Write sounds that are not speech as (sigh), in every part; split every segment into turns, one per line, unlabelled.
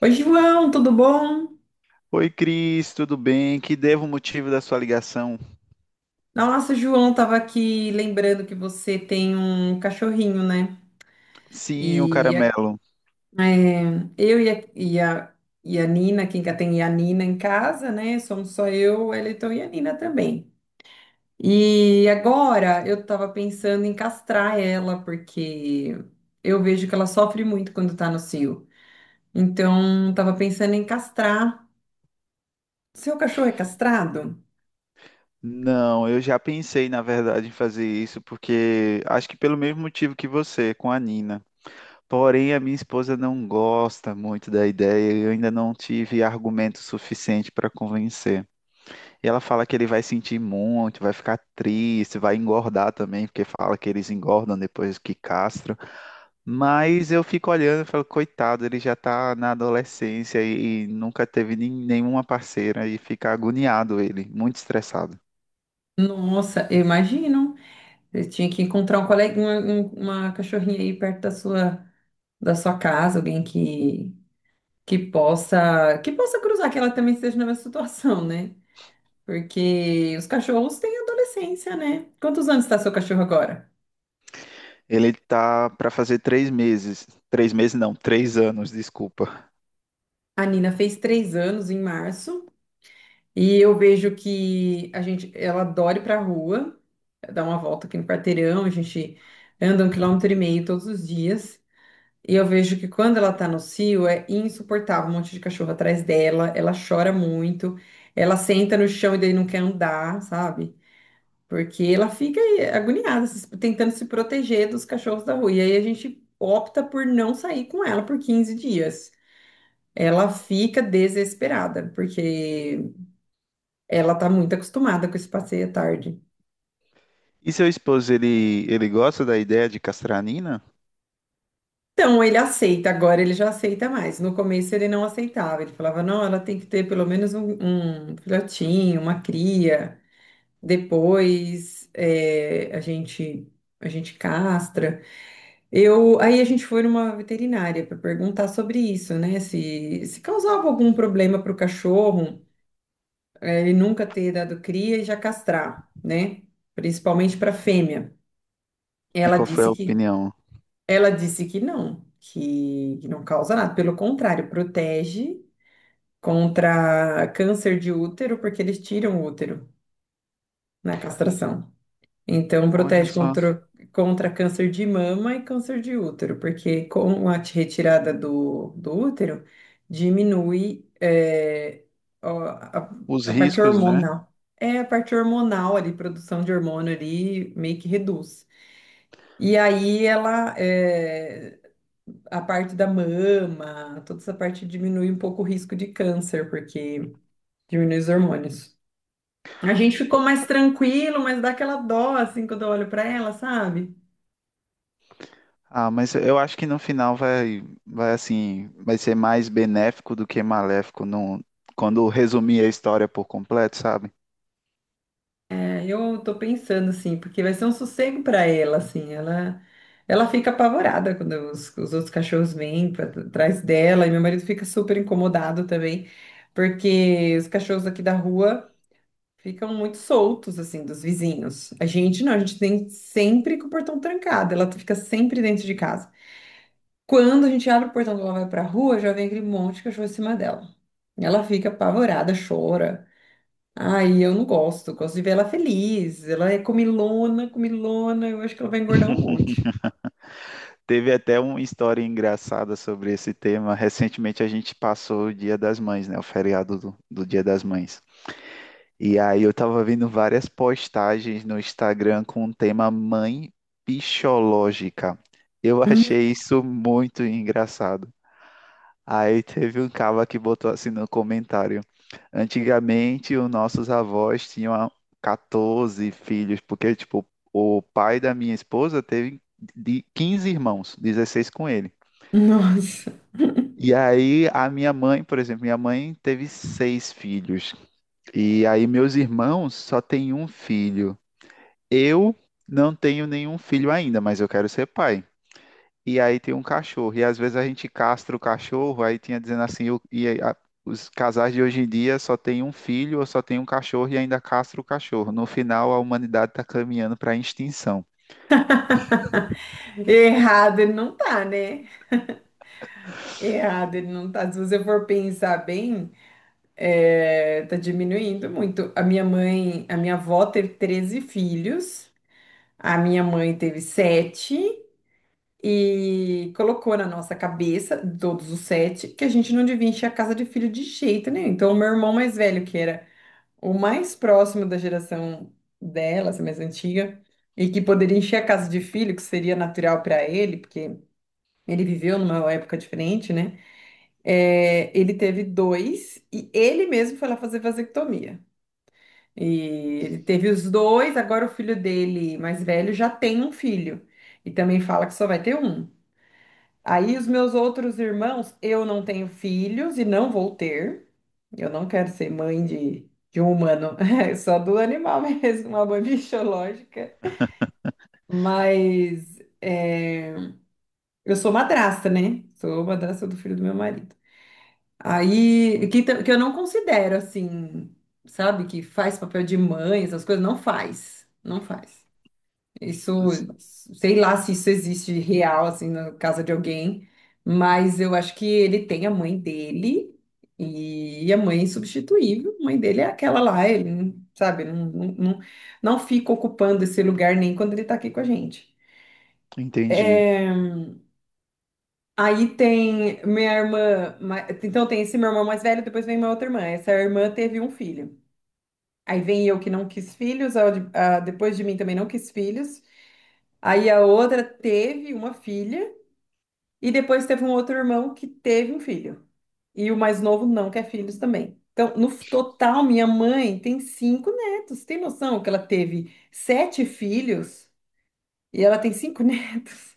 Oi, João, tudo bom?
Oi, Cris, tudo bem? Que devo o motivo da sua ligação?
Nossa, João, tava aqui lembrando que você tem um cachorrinho, né?
Sim, o
E a-
caramelo.
é, eu e a, e a, e a Nina, quem que tem a Nina em casa, né? Somos só eu, o Eliton e a Nina também. E agora eu tava pensando em castrar ela, porque eu vejo que ela sofre muito quando tá no cio. Então, tava pensando em castrar. Seu cachorro é castrado?
Não, eu já pensei, na verdade, em fazer isso, porque acho que pelo mesmo motivo que você, com a Nina. Porém, a minha esposa não gosta muito da ideia e eu ainda não tive argumento suficiente para convencer. E ela fala que ele vai sentir muito, vai ficar triste, vai engordar também, porque fala que eles engordam depois que castram. Mas eu fico olhando e falo, coitado, ele já tá na adolescência e nunca teve nenhuma parceira e fica agoniado ele, muito estressado.
Nossa, eu imagino. Você tinha que encontrar um colega, uma cachorrinha aí perto da sua casa, alguém que possa cruzar, que ela também esteja na mesma situação, né? Porque os cachorros têm adolescência, né? Quantos anos está seu cachorro agora?
Ele tá para fazer três meses não, três anos, desculpa.
A Nina fez 3 anos em março e eu vejo que a gente, ela adora ir pra rua, dar uma volta aqui no quarteirão, a gente anda 1,5 km todos os dias. E eu vejo que quando ela tá no cio é insuportável, um monte de cachorro atrás dela, ela chora muito, ela senta no chão e daí não quer andar, sabe? Porque ela fica aí agoniada, tentando se proteger dos cachorros da rua. E aí a gente opta por não sair com ela por 15 dias. Ela fica desesperada, porque ela tá muito acostumada com esse passeio à tarde.
E seu esposo, ele gosta da ideia de castranina?
Então, ele aceita, agora ele já aceita mais. No começo ele não aceitava, ele falava, não, ela tem que ter pelo menos um filhotinho, uma cria, depois a gente castra. Aí a gente foi numa veterinária para perguntar sobre isso, né? Se causava algum problema para o cachorro, ele nunca ter dado cria e já castrar, né? Principalmente para fêmea.
E
Ela
qual foi
disse
a
que
opinião?
Ela disse que não, que não causa nada. Pelo contrário, protege contra câncer de útero, porque eles tiram o útero na castração. Então,
Olha
protege
só,
contra, contra câncer de mama e câncer de útero, porque com a retirada do útero, diminui ó, a,
os
a parte
riscos, né?
hormonal. É a parte hormonal ali, produção de hormônio ali, meio que reduz. E aí ela, é, a parte da mama, toda essa parte diminui um pouco o risco de câncer, porque diminui os hormônios. A gente ficou mais tranquilo, mas dá aquela dó, assim, quando eu olho pra ela, sabe?
Ah, mas eu acho que no final vai assim, vai ser mais benéfico do que maléfico, não, quando resumir a história por completo, sabe?
É, eu tô pensando, assim, porque vai ser um sossego pra ela, assim, ela... Ela fica apavorada quando os outros cachorros vêm pra, atrás dela, e meu marido fica super incomodado também, porque os cachorros aqui da rua ficam muito soltos, assim, dos vizinhos. A gente não, a gente tem sempre com o portão trancado, ela fica sempre dentro de casa. Quando a gente abre o portão que ela vai pra rua, já vem aquele monte de cachorro em cima dela. Ela fica apavorada, chora. Ai, eu não gosto, eu gosto de ver ela feliz. Ela é comilona, comilona, eu acho que ela vai engordar um monte.
Teve até uma história engraçada sobre esse tema. Recentemente a gente passou o Dia das Mães, né? O feriado do Dia das Mães. E aí eu tava vendo várias postagens no Instagram com o tema mãe pichológica. Eu
Hum,
achei isso muito engraçado. Aí teve um cara que botou assim no comentário. Antigamente, os nossos avós tinham 14 filhos, porque, tipo, o pai da minha esposa teve de 15 irmãos, 16 com ele.
(laughs) Nossa,
E aí, a minha mãe, por exemplo, minha mãe teve seis filhos. E aí, meus irmãos só têm um filho. Eu não tenho nenhum filho ainda, mas eu quero ser pai. E aí, tem um cachorro. E às vezes a gente castra o cachorro, aí tinha dizendo assim: os casais de hoje em dia só tem um filho ou só tem um cachorro e ainda castra o cachorro. No final, a humanidade está caminhando para a extinção.
errado ele não tá, né? Errado ele não tá. Se você for pensar bem. É, tá diminuindo muito. A minha mãe, a minha avó teve 13 filhos, a minha mãe teve sete e colocou na nossa cabeça, todos os sete, que a gente não devia encher a casa de filho de jeito nenhum. Então, o meu irmão mais velho, que era o mais próximo da geração dela, essa mais antiga, e que poderia encher a casa de filho, que seria natural para ele, porque ele viveu numa época diferente, né? É, ele teve dois e ele mesmo foi lá fazer vasectomia. E ele teve os dois, agora o filho dele mais velho já tem um filho. E também fala que só vai ter um. Aí os meus outros irmãos, eu não tenho filhos e não vou ter. Eu não quero ser mãe de um humano, (laughs) só do animal (laughs) mesmo, uma mãe biológica. Mas é, eu sou madrasta, né? Sou madrasta do filho do meu marido. Que eu não considero assim, sabe, que faz papel de mãe, essas coisas, não faz. Não faz. Isso, sei lá se isso existe real, assim, na casa de alguém, mas eu acho que ele tem a mãe dele e a mãe é insubstituível. A mãe dele é aquela lá, ele, não- sabe, não, não, não, não fica ocupando esse lugar nem quando ele tá aqui com a gente.
Entendi.
É, aí tem minha irmã, então tem esse meu irmão mais velho, depois vem minha outra irmã. Essa irmã teve um filho. Aí vem eu que não quis filhos, a depois de mim também não quis filhos. Aí a outra teve uma filha. E depois teve um outro irmão que teve um filho. E o mais novo não quer filhos também. Então, no total, minha mãe tem cinco netos. Tem noção que ela teve sete filhos e ela tem cinco (laughs) netos?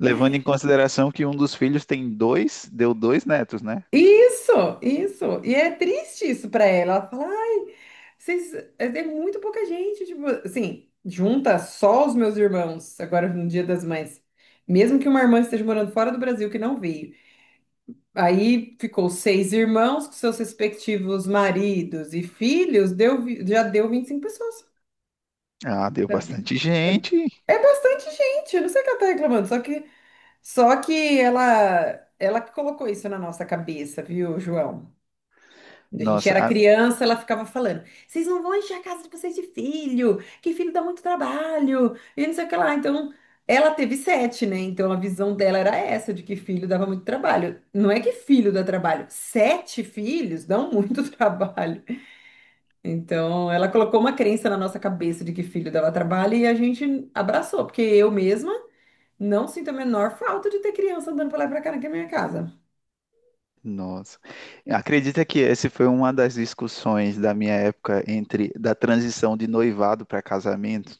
Levando em consideração que um dos filhos tem dois, deu dois netos, né?
Isso, isso. E é triste isso pra ela. Ela fala, ai, vocês, é muito pouca gente. Tipo, assim, junta só os meus irmãos agora no Dia das Mães. Mesmo que uma irmã esteja morando fora do Brasil que não veio. Aí ficou seis irmãos com seus respectivos maridos e filhos, já deu 25 pessoas.
Ah, deu
Sabe?
bastante
É,
gente.
é bastante gente, eu não sei o que ela tá reclamando, ela que colocou isso na nossa cabeça, viu, João? Quando a gente
Nossa,
era
a-
criança, ela ficava falando: vocês não vão encher a casa de vocês de filho, que filho dá muito trabalho, e não sei o que lá. Então, ela teve sete, né? Então, a visão dela era essa, de que filho dava muito trabalho. Não é que filho dá trabalho, sete filhos dão muito (laughs) trabalho. Então, ela colocou uma crença na nossa cabeça de que filho dava trabalho e a gente abraçou, porque eu mesma não sinto a menor falta de ter criança andando pra lá e pra cá na minha casa.
Nossa. Acredita que essa foi uma das discussões da minha época entre da transição de noivado para casamento,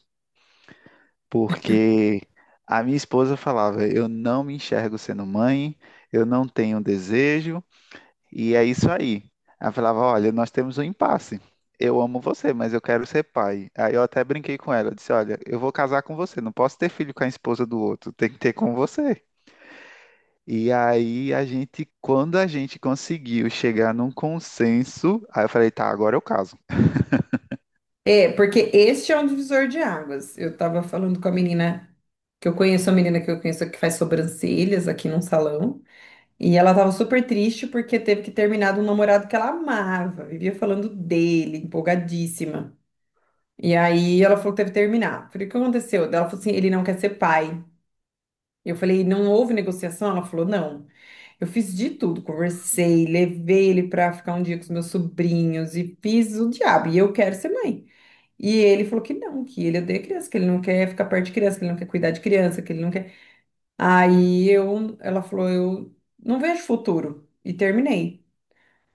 porque a minha esposa falava: "Eu não me enxergo sendo mãe, eu não tenho desejo", e é isso aí. Ela falava: "Olha, nós temos um impasse. Eu amo você, mas eu quero ser pai". Aí eu até brinquei com ela, eu disse: "Olha, eu vou casar com você, não posso ter filho com a esposa do outro, tem que ter com você". E aí quando a gente conseguiu chegar num consenso, aí eu falei, tá, agora eu caso.
É, porque este é um divisor de águas. Eu tava falando com a menina que eu conheço, a menina que eu conheço que faz sobrancelhas aqui num salão, e ela tava super triste porque teve que terminar de um namorado que ela amava, vivia falando dele, empolgadíssima. E aí ela falou que teve que terminar. Falei, o que aconteceu? Daí ela falou assim, ele não quer ser pai. Eu falei, não houve negociação? Ela falou, não. Eu fiz de tudo, conversei, levei ele pra ficar um dia com os meus sobrinhos e fiz o diabo, e eu quero ser mãe. E ele falou que não, que ele odeia criança, que ele não quer ficar perto de criança, que ele não quer cuidar de criança, que ele não quer. Ela falou, eu não vejo futuro. E terminei.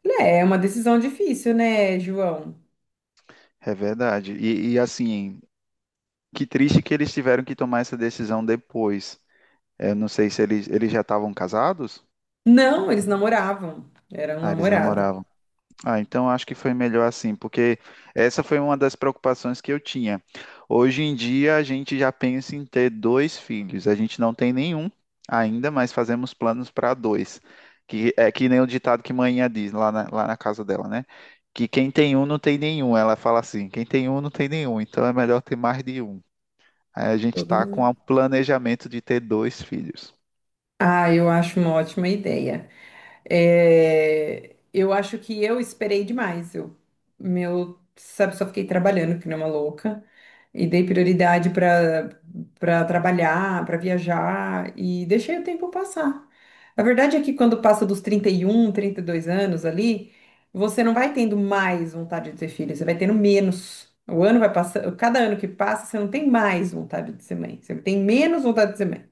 Falei, é, é uma decisão difícil, né, João?
É verdade. Assim, que triste que eles tiveram que tomar essa decisão depois. Eu não sei se eles, eles já estavam casados?
Não, eles namoravam. Era um
Ah, eles
namorado.
namoravam. Ah, então acho que foi melhor assim, porque essa foi uma das preocupações que eu tinha. Hoje em dia a gente já pensa em ter dois filhos. A gente não tem nenhum ainda, mas fazemos planos para dois. Que é que nem o ditado que manhã diz lá na casa dela, né? Que quem tem um não tem nenhum. Ela fala assim: quem tem um não tem nenhum, então é melhor ter mais de um. Aí a gente
Eu
está com o
não-
planejamento de ter dois filhos.
Ah, eu acho uma ótima ideia. É, eu acho que eu esperei demais. Sabe, só fiquei trabalhando que nem uma louca e dei prioridade para trabalhar, para viajar e deixei o tempo passar. A verdade é que quando passa dos 30 e um, 32 anos ali, você não vai tendo mais vontade de ter filho, você vai tendo menos. O ano vai passando, cada ano que passa, você não tem mais vontade de ser mãe, você tem menos vontade de ser mãe.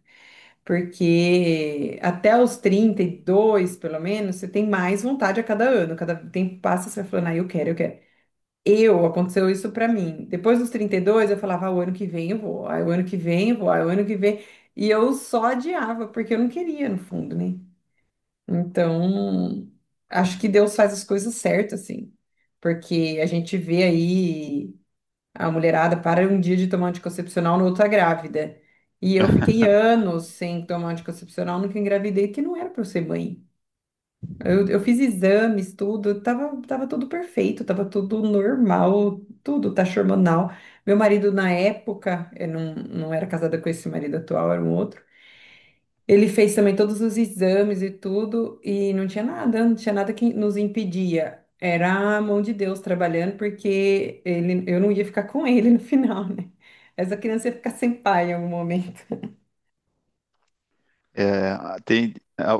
Porque até os 32 pelo menos, você tem mais vontade a cada ano. Cada tempo que passa, você vai falando, ah, eu quero, eu quero. Eu, aconteceu isso pra mim. Depois dos 32 eu falava, ah, o ano que vem eu vou, ah, o ano que vem eu vou, ah, o ano que vem. E eu só adiava, porque eu não queria, no fundo, né? Então, acho que Deus faz as coisas certas, assim. Porque a gente vê aí. A mulherada para um dia de tomar anticoncepcional, no outro tá grávida. E eu fiquei anos sem tomar anticoncepcional, nunca engravidei, que não era para eu ser mãe. Eu fiz exames, tudo, tava tudo perfeito, tava tudo normal, tudo taxa hormonal. Meu marido, na época, eu não, não era casada com esse marido atual, era um outro. Ele fez também todos os exames e tudo, e não tinha nada, não tinha nada que nos impedia. Era a mão de Deus trabalhando, porque ele, eu não ia ficar com (laughs) ele no final, né? Essa criança ia ficar sem pai em algum momento.
É, tem,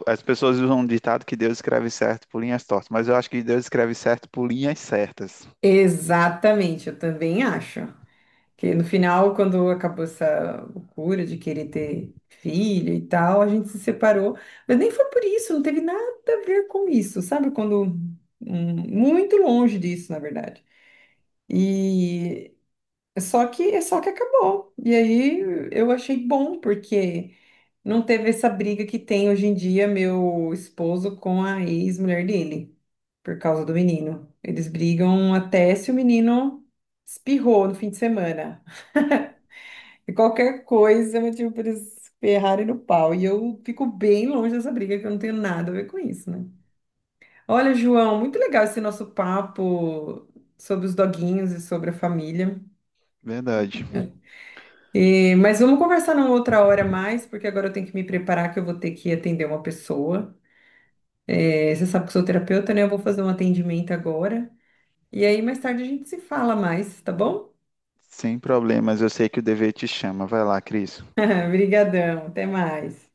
as pessoas usam um ditado que Deus escreve certo por linhas tortas, mas eu acho que Deus escreve certo por linhas certas.
Exatamente, eu também acho. Que no final, quando acabou essa loucura de querer ter filho e tal, a gente se separou. Mas nem foi por isso, não teve nada a ver com isso, sabe? Quando. Muito longe disso, na verdade. E só que acabou. E aí eu achei bom, porque não teve essa briga que tem hoje em dia meu esposo com a ex-mulher dele, por causa do menino. Eles brigam até se o menino espirrou no fim de semana. E qualquer coisa é motivo para eles ferrarem no pau. E eu fico bem longe dessa briga, que eu não tenho nada a ver com isso, né? Olha, João, muito legal esse nosso papo sobre os doguinhos e sobre a família.
Verdade.
Mas vamos conversar numa outra hora mais, porque agora eu tenho que me preparar que eu vou ter que atender uma pessoa. É, você sabe que eu sou terapeuta, né? Eu vou fazer um atendimento agora. E aí mais tarde a gente se fala mais, tá bom?
Sem problemas, eu sei que o dever te chama. Vai lá, Cris.
(laughs) Obrigadão, até mais.